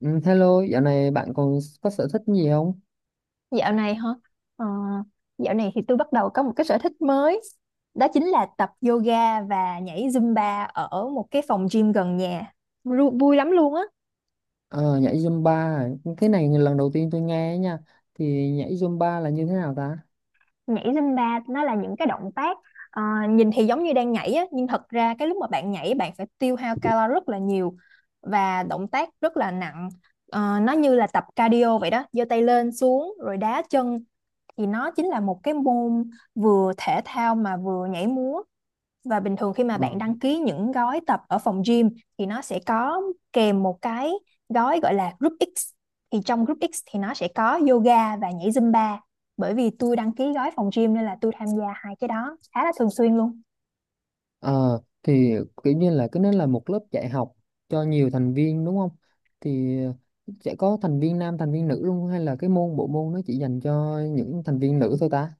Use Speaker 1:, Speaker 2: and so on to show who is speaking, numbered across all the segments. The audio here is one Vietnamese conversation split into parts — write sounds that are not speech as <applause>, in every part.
Speaker 1: Ừ, hello, dạo này bạn còn có sở thích gì không?
Speaker 2: Dạo này hả? Ờ, dạo này thì tôi bắt đầu có một cái sở thích mới. Đó chính là tập yoga và nhảy Zumba ở một cái phòng gym gần nhà. Vui lắm luôn á.
Speaker 1: Ờ, nhảy Zumba à? Cái này lần đầu tiên tôi nghe nha. Thì nhảy Zumba là như thế nào ta?
Speaker 2: Nhảy Zumba nó là những cái động tác ờ, nhìn thì giống như đang nhảy á, nhưng thật ra cái lúc mà bạn nhảy bạn phải tiêu hao calo rất là nhiều và động tác rất là nặng. Nó như là tập cardio vậy đó, giơ tay lên xuống rồi đá chân thì nó chính là một cái môn vừa thể thao mà vừa nhảy múa. Và bình thường khi mà
Speaker 1: Ờ.
Speaker 2: bạn đăng ký những gói tập ở phòng gym thì nó sẽ có kèm một cái gói gọi là Group X. Thì trong Group X thì nó sẽ có yoga và nhảy Zumba. Bởi vì tôi đăng ký gói phòng gym nên là tôi tham gia hai cái đó khá là thường xuyên luôn.
Speaker 1: Ờ, thì kiểu như là cái nó là một lớp dạy học cho nhiều thành viên, đúng không? Thì sẽ có thành viên nam, thành viên nữ luôn, hay là cái bộ môn nó chỉ dành cho những thành viên nữ thôi ta?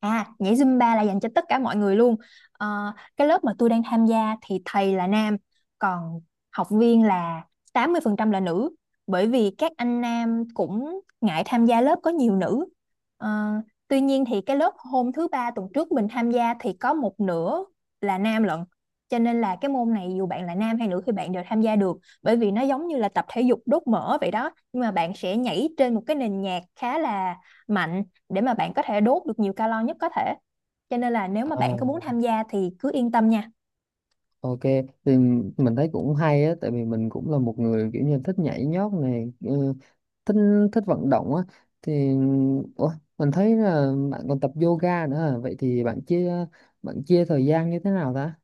Speaker 2: À, nhảy Zumba là dành cho tất cả mọi người luôn. Cái lớp mà tôi đang tham gia thì thầy là nam, còn học viên là 80% là nữ. Bởi vì các anh nam cũng ngại tham gia lớp có nhiều nữ. Ờ, tuy nhiên thì cái lớp hôm thứ ba tuần trước mình tham gia thì có một nửa là nam lận. Cho nên là cái môn này dù bạn là nam hay nữ thì bạn đều tham gia được. Bởi vì nó giống như là tập thể dục đốt mỡ vậy đó. Nhưng mà bạn sẽ nhảy trên một cái nền nhạc khá là mạnh để mà bạn có thể đốt được nhiều calo nhất có thể, cho nên là nếu mà
Speaker 1: Ờ.
Speaker 2: bạn có muốn tham gia thì cứ yên tâm nha.
Speaker 1: Ok, thì mình thấy cũng hay á, tại vì mình cũng là một người kiểu như thích nhảy nhót này, ừ, thích thích vận động á, thì ủa, mình thấy là bạn còn tập yoga nữa à? Vậy thì bạn chia thời gian như thế nào ta?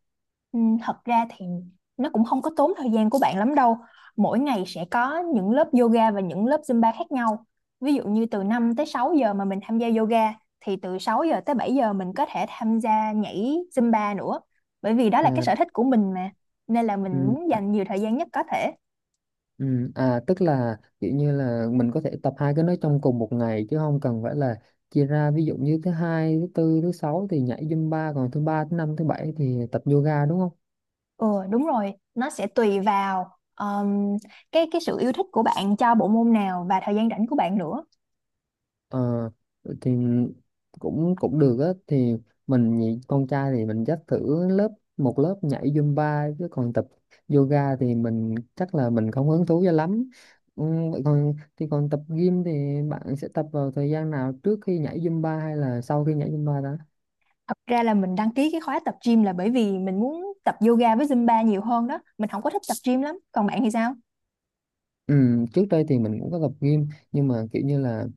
Speaker 2: Ừ, thật ra thì nó cũng không có tốn thời gian của bạn lắm đâu, mỗi ngày sẽ có những lớp yoga và những lớp Zumba khác nhau. Ví dụ như từ 5 tới 6 giờ mà mình tham gia yoga thì từ 6 giờ tới 7 giờ mình có thể tham gia nhảy Zumba nữa, bởi vì đó là cái
Speaker 1: À,
Speaker 2: sở thích của mình mà, nên là mình
Speaker 1: ừ,
Speaker 2: muốn
Speaker 1: à,
Speaker 2: dành nhiều thời gian nhất có thể.
Speaker 1: ừ, à, tức là kiểu như là mình có thể tập hai cái đó trong cùng một ngày chứ không cần phải là chia ra, ví dụ như thứ hai, thứ tư, thứ sáu thì nhảy Zumba, còn thứ ba, thứ năm, thứ bảy thì tập yoga, đúng không?
Speaker 2: Ừ, đúng rồi, nó sẽ tùy vào cái sự yêu thích của bạn cho bộ môn nào và thời gian rảnh của bạn nữa.
Speaker 1: Ờ, thì cũng cũng được á, thì con trai thì mình dắt thử một lớp nhảy Zumba, chứ còn tập yoga thì mình chắc là mình không hứng thú cho lắm. Ừ, vậy còn thì còn tập gym thì bạn sẽ tập vào thời gian nào, trước khi nhảy Zumba hay là sau khi nhảy Zumba đó?
Speaker 2: Thật ra là mình đăng ký cái khóa tập gym là bởi vì mình muốn tập yoga với Zumba nhiều hơn đó. Mình không có thích tập gym lắm. Còn bạn thì sao?
Speaker 1: Ừ, trước đây thì mình cũng có tập gym, nhưng mà kiểu như là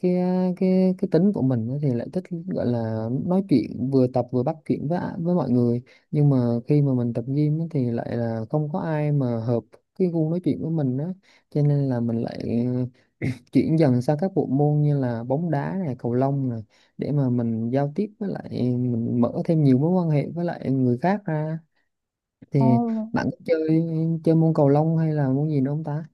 Speaker 1: cái cái tính của mình á thì lại thích gọi là nói chuyện, vừa tập vừa bắt chuyện với với mọi người, nhưng mà khi mà mình tập gym á thì lại là không có ai mà hợp cái gu nói chuyện của mình á, cho nên là mình lại <clears throat> chuyển dần sang các bộ môn như là bóng đá này, cầu lông này, để mà mình giao tiếp với lại mình mở thêm nhiều mối quan hệ với lại người khác ra.
Speaker 2: Ồ,
Speaker 1: Thì bạn có chơi chơi môn cầu lông hay là môn gì nữa không ta?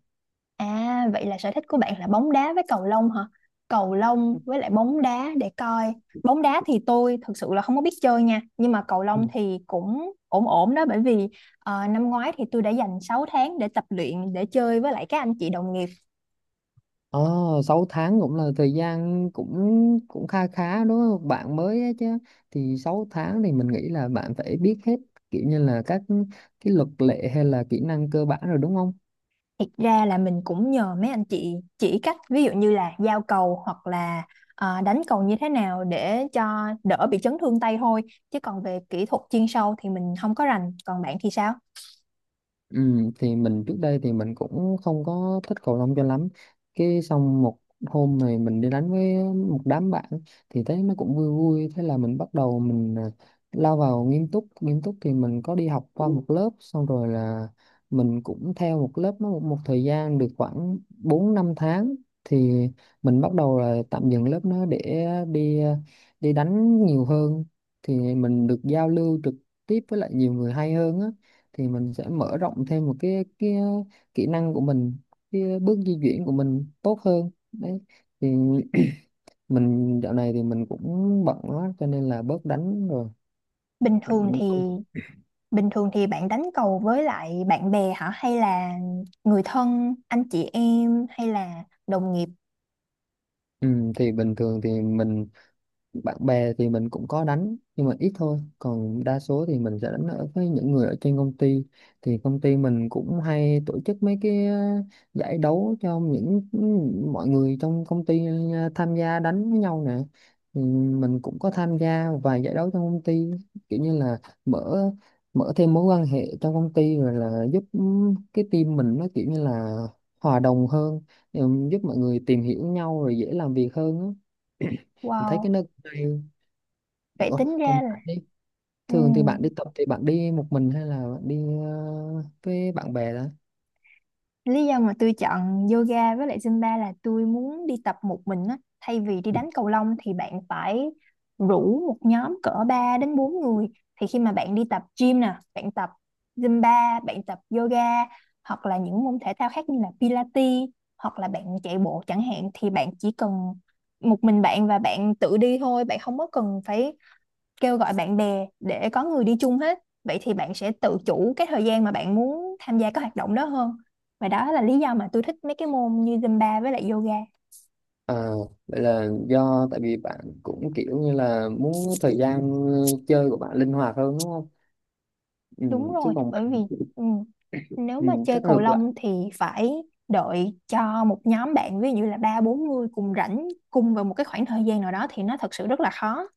Speaker 2: à, vậy là sở thích của bạn là bóng đá với cầu lông hả? Cầu lông với lại bóng đá để coi. Bóng đá thì tôi thực sự là không có biết chơi nha, nhưng mà cầu lông thì cũng ổn ổn đó, bởi vì năm ngoái thì tôi đã dành 6 tháng để tập luyện để chơi với lại các anh chị đồng nghiệp.
Speaker 1: Ờ, 6 tháng cũng là thời gian cũng cũng kha khá đúng không? Bạn mới ấy chứ. Thì 6 tháng thì mình nghĩ là bạn phải biết hết kiểu như là các cái luật lệ hay là kỹ năng cơ bản rồi đúng không?
Speaker 2: Thật ra là mình cũng nhờ mấy anh chị chỉ cách, ví dụ như là giao cầu hoặc là đánh cầu như thế nào để cho đỡ bị chấn thương tay thôi. Chứ còn về kỹ thuật chuyên sâu thì mình không có rành. Còn bạn thì sao?
Speaker 1: Ừ, thì mình trước đây thì mình cũng không có thích cầu lông cho lắm, cái xong một hôm này mình đi đánh với một đám bạn thì thấy nó cũng vui vui, thế là mình bắt đầu mình, à, lao vào nghiêm túc. Nghiêm túc thì mình có đi học qua một lớp, xong rồi là mình cũng theo một lớp nó một thời gian được khoảng 4 5 tháng thì mình bắt đầu là tạm dừng lớp nó để đi, à, đi đánh nhiều hơn, thì mình được giao lưu trực tiếp với lại nhiều người hay hơn á, thì mình sẽ mở rộng thêm một cái kỹ năng của mình, cái bước di chuyển của mình tốt hơn đấy. Thì mình dạo này thì mình cũng bận quá cho nên là bớt đánh rồi.
Speaker 2: Bình thường thì bình thường thì bạn đánh cầu với lại bạn bè hả? Hay là người thân, anh chị em hay là đồng nghiệp?
Speaker 1: Ừ, thì bình thường thì mình, bạn bè thì mình cũng có đánh nhưng mà ít thôi, còn đa số thì mình sẽ đánh ở với những người ở trên công ty. Thì công ty mình cũng hay tổ chức mấy cái, ờ, giải đấu cho mọi người trong công ty, ờ, tham gia đánh với nhau nè, thì mình cũng có tham gia vài giải đấu trong công ty, kiểu như là mở mở thêm mối quan hệ trong công ty, rồi là giúp, ừ, cái team mình nó kiểu như là hòa đồng hơn, ừ, giúp mọi người tìm hiểu nhau rồi dễ làm việc hơn á. Mình thấy cái
Speaker 2: Wow,
Speaker 1: nơi.
Speaker 2: vậy
Speaker 1: Ủa,
Speaker 2: tính
Speaker 1: còn
Speaker 2: ra là,
Speaker 1: bạn đi,
Speaker 2: ừ,
Speaker 1: thường thì bạn đi tập thì bạn đi một mình hay là bạn đi, ờ, với bạn bè đó?
Speaker 2: lý do mà tôi chọn yoga với lại Zumba là tôi muốn đi tập một mình á. Thay vì đi đánh cầu lông thì bạn phải rủ một nhóm cỡ 3 đến 4 người. Thì khi mà bạn đi tập gym nè, bạn tập Zumba, bạn tập yoga, hoặc là những môn thể thao khác như là Pilates, hoặc là bạn chạy bộ chẳng hạn, thì bạn chỉ cần một mình bạn và bạn tự đi thôi, bạn không có cần phải kêu gọi bạn bè để có người đi chung hết. Vậy thì bạn sẽ tự chủ cái thời gian mà bạn muốn tham gia các hoạt động đó hơn, và đó là lý do mà tôi thích mấy cái môn như Zumba với lại yoga.
Speaker 1: À, vậy là do tại vì bạn cũng kiểu như là muốn thời gian, ờ, chơi của bạn linh hoạt hơn đúng không? Ừ,
Speaker 2: Đúng
Speaker 1: chứ
Speaker 2: rồi,
Speaker 1: còn
Speaker 2: bởi vì,
Speaker 1: mình,
Speaker 2: ừ, nếu
Speaker 1: ừ,
Speaker 2: mà chơi
Speaker 1: chắc
Speaker 2: cầu
Speaker 1: ngược lại.
Speaker 2: lông thì phải đợi cho một nhóm bạn ví dụ như là ba bốn người cùng rảnh cùng vào một cái khoảng thời gian nào đó thì nó thật sự rất là khó.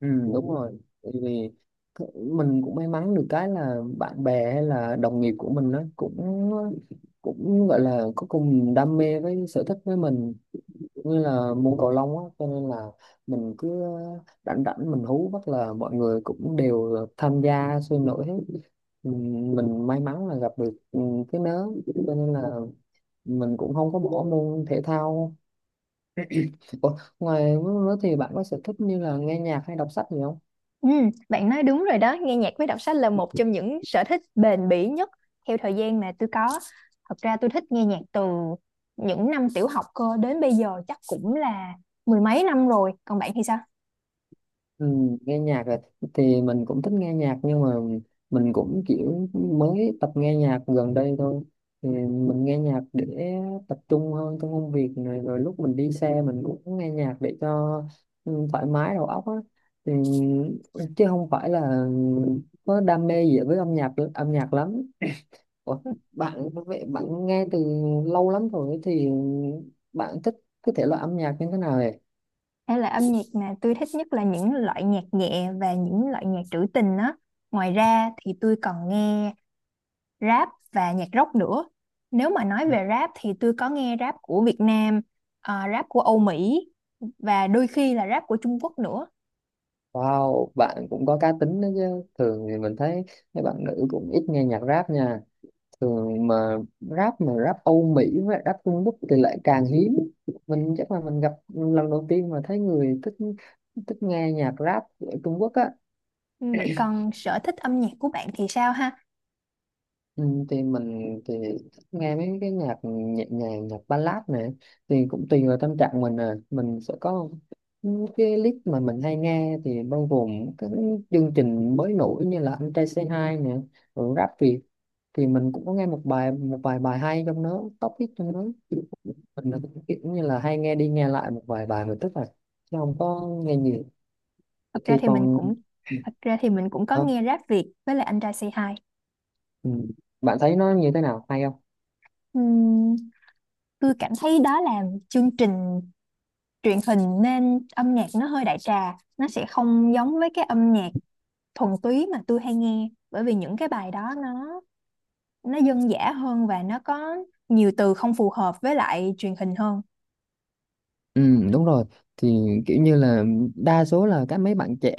Speaker 1: Ừ, đúng rồi. Tại vì mình cũng may mắn được cái là bạn bè hay là đồng nghiệp của mình nó cũng cũng gọi là có cùng đam mê với sở thích với mình, cũng như là môn cầu lông á, cho nên là mình cứ rảnh rảnh mình hú bắt là mọi người cũng đều tham gia sôi nổi hết. Mình may mắn là gặp được, cái nớ, cho nên là mình cũng không có bỏ môn thể thao. Ủa, ngoài mới thì bạn có sở thích như là nghe nhạc hay đọc sách gì không?
Speaker 2: Ừ, bạn nói đúng rồi đó, nghe nhạc với đọc sách là một trong những sở thích bền bỉ nhất theo thời gian mà tôi có. Thật ra tôi thích nghe nhạc từ những năm tiểu học cơ, đến bây giờ chắc cũng là mười mấy năm rồi. Còn bạn thì sao?
Speaker 1: Ừ, nghe nhạc là, thì mình cũng thích nghe nhạc nhưng mà mình cũng kiểu mới tập nghe nhạc gần đây thôi. Thì mình nghe nhạc để tập trung hơn trong công việc này, rồi lúc mình đi xe mình cũng nghe nhạc để cho, ừ, thoải mái đầu óc á, thì chứ không phải là có đam mê gì với âm nhạc lắm. Ủa, bạn vậy bạn nghe từ lâu lắm rồi thì bạn thích cái thể loại âm nhạc như thế nào vậy?
Speaker 2: Hay là, âm nhạc mà tôi thích nhất là những loại nhạc nhẹ và những loại nhạc trữ tình á. Ngoài ra thì tôi còn nghe rap và nhạc rock nữa. Nếu mà nói về rap thì tôi có nghe rap của Việt Nam, rap của Âu Mỹ và đôi khi là rap của Trung Quốc nữa.
Speaker 1: Wow, bạn cũng có cá tính đó chứ. Thường thì mình thấy mấy bạn nữ cũng ít nghe nhạc rap nha. Thường mà rap, mà rap Âu Mỹ với rap Trung Quốc thì lại càng hiếm. Mình chắc là mình gặp lần đầu tiên mà thấy người thích thích nghe nhạc rap ở Trung Quốc á.
Speaker 2: Ừ, vậy còn sở thích âm nhạc của bạn thì sao ha?
Speaker 1: Ừ, thì mình thì thích nghe mấy cái nhạc nhẹ nhàng, nhạc ballad này, thì cũng tùy vào tâm trạng mình, à mình sẽ có những cái list mà mình hay nghe thì bao gồm các chương trình mới nổi như là Anh Trai Say Hi nè, rồi Rap Việt, thì mình cũng có nghe một vài bài hay trong đó, top hit trong đó. Mình là kiểu như là hay nghe đi nghe lại một vài bài mình, tức là chứ không có nghe nhiều.
Speaker 2: Thật
Speaker 1: Thì
Speaker 2: ra thì mình
Speaker 1: còn,
Speaker 2: cũng thật ra thì mình cũng có
Speaker 1: ờ,
Speaker 2: nghe rap Việt với lại anh trai Say Hi.
Speaker 1: ừ, bạn thấy nó như thế nào hay không?
Speaker 2: Ừm, tôi cảm thấy đó là chương trình truyền hình nên âm nhạc nó hơi đại trà, nó sẽ không giống với cái âm nhạc thuần túy mà tôi hay nghe, bởi vì những cái bài đó nó dân dã hơn và nó có nhiều từ không phù hợp với lại truyền hình hơn.
Speaker 1: Ừ, đúng rồi, thì kiểu như là đa số là mấy bạn trẻ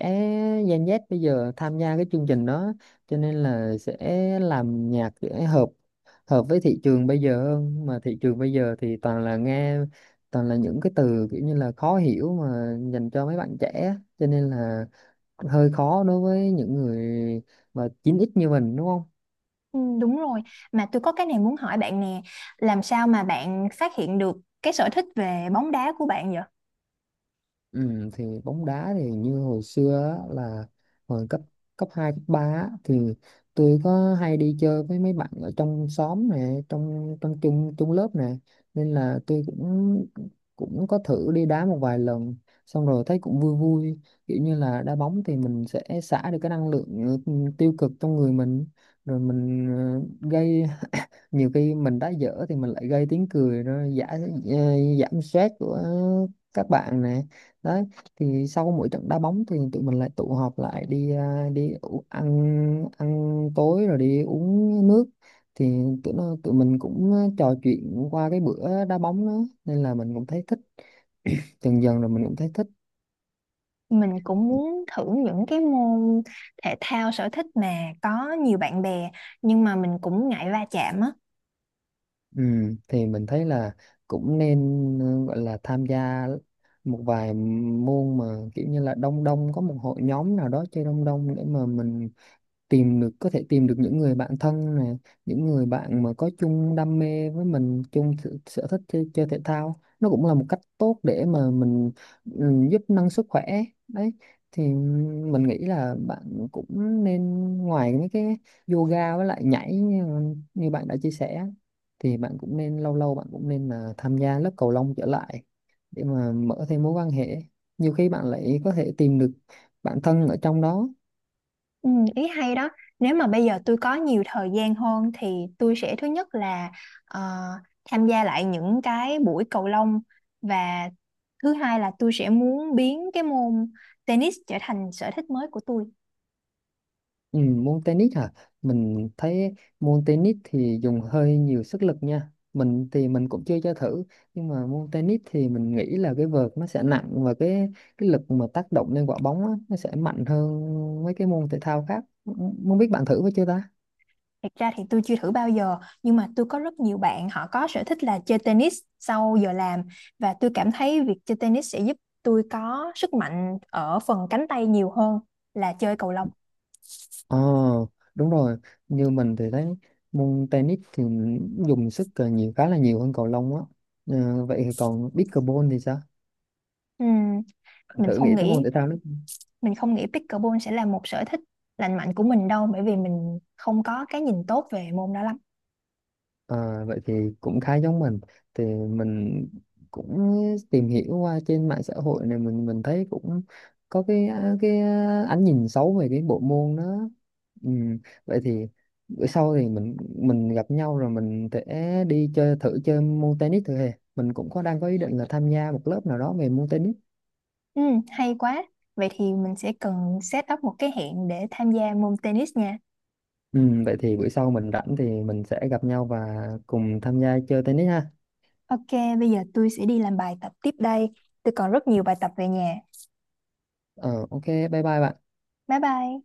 Speaker 1: Gen Z bây giờ tham gia cái chương trình đó, cho nên là sẽ làm nhạc để hợp hợp với thị trường bây giờ hơn, mà thị trường bây giờ thì toàn là những cái từ kiểu như là khó hiểu mà dành cho mấy bạn trẻ, cho nên là hơi khó đối với những người mà chín x như mình đúng không?
Speaker 2: Ừ, đúng rồi, mà tôi có cái này muốn hỏi bạn nè, làm sao mà bạn phát hiện được cái sở thích về bóng đá của bạn vậy?
Speaker 1: Ừ, thì bóng đá thì như hồi xưa á, là hồi cấp cấp 2 cấp 3 á, thì tôi có hay đi chơi với mấy bạn ở trong xóm nè, trong trong chung chung lớp nè, nên là tôi cũng cũng có thử đi đá một vài lần, xong rồi thấy cũng vui vui, kiểu như là đá bóng thì mình sẽ xả được cái năng lượng, ừ, tiêu cực trong người mình, rồi mình, ờ, gây, nhiều khi mình đã dở thì mình lại gây tiếng cười, nó giảm giảm stress của các bạn nè đấy. Thì sau mỗi trận đá bóng thì tụi mình lại tụ họp lại đi, à, ăn ăn tối rồi đi uống nước, thì tụi mình cũng, ờ, trò chuyện qua cái bữa đá bóng đó, nên là mình cũng thấy thích, dần dần rồi mình cũng thấy thích.
Speaker 2: Mình cũng muốn thử những cái môn thể thao sở thích mà có nhiều bạn bè, nhưng mà mình cũng ngại va chạm á.
Speaker 1: Ừ, thì mình thấy là cũng nên, ừ, gọi là tham gia một vài môn mà kiểu như là đông đông có một hội nhóm nào đó chơi đông đông, để mà mình tìm được có thể tìm được những người bạn thân này, những người bạn mà có chung đam mê với mình, chung sở thích chơi thể thao, nó cũng là một cách tốt để mà mình, ừ, giúp nâng sức khỏe đấy. Thì mình nghĩ là bạn cũng nên, ngoài mấy cái yoga với lại nhảy, như bạn đã chia sẻ, thì bạn cũng nên lâu lâu bạn cũng nên là tham gia lớp cầu lông trở lại để mà mở thêm mối quan hệ, nhiều khi bạn lại có thể tìm được bạn thân ở trong đó.
Speaker 2: Ừ, ý hay đó, nếu mà bây giờ tôi có nhiều thời gian hơn thì tôi sẽ, thứ nhất là ờ, tham gia lại những cái buổi cầu lông, và thứ hai là tôi sẽ muốn biến cái môn tennis trở thành sở thích mới của tôi.
Speaker 1: Ừ, môn tennis hả? Mình thấy môn tennis thì dùng hơi nhiều sức lực nha. Mình thì mình cũng chưa cho thử, nhưng mà môn tennis thì mình nghĩ là cái vợt nó sẽ nặng, và cái lực mà tác động lên quả bóng á, nó sẽ mạnh hơn mấy cái môn thể thao khác. Không biết bạn thử với chưa ta?
Speaker 2: Thật ra thì tôi chưa thử bao giờ, nhưng mà tôi có rất nhiều bạn họ có sở thích là chơi tennis sau giờ làm, và tôi cảm thấy việc chơi tennis sẽ giúp tôi có sức mạnh ở phần cánh tay nhiều hơn là chơi cầu lông.
Speaker 1: Ờ đúng rồi, như mình thì thấy môn tennis thì dùng sức, ờ, nhiều, khá là nhiều hơn cầu lông á. Ờ, vậy thì còn pickleball thì sao?
Speaker 2: Ừm,
Speaker 1: Bạn
Speaker 2: mình
Speaker 1: thử nghĩ
Speaker 2: không
Speaker 1: tới môn
Speaker 2: nghĩ
Speaker 1: thể thao đó.
Speaker 2: mình không nghĩ pickleball sẽ là một sở thích lành mạnh của mình đâu, bởi vì mình không có cái nhìn tốt về môn đó lắm.
Speaker 1: À, vậy thì cũng khá giống mình, thì mình cũng tìm hiểu qua trên mạng xã hội này, mình thấy cũng có cái cái ánh nhìn xấu về cái bộ môn đó. Ừ. Vậy thì bữa sau thì mình gặp nhau rồi mình sẽ đi chơi thử, chơi môn tennis thử hè, mình cũng có đang có ý định là tham gia một lớp nào đó về môn tennis.
Speaker 2: Hay quá. Vậy thì mình sẽ cần set up một cái hẹn để tham gia môn tennis nha.
Speaker 1: Ừ. Vậy thì bữa sau mình rảnh thì mình sẽ gặp nhau và cùng tham gia chơi tennis ha.
Speaker 2: Ok, bây giờ tôi sẽ đi làm bài tập tiếp đây. Tôi còn rất nhiều bài tập về nhà.
Speaker 1: Ờ, ok, bye bye bạn.
Speaker 2: Bye bye.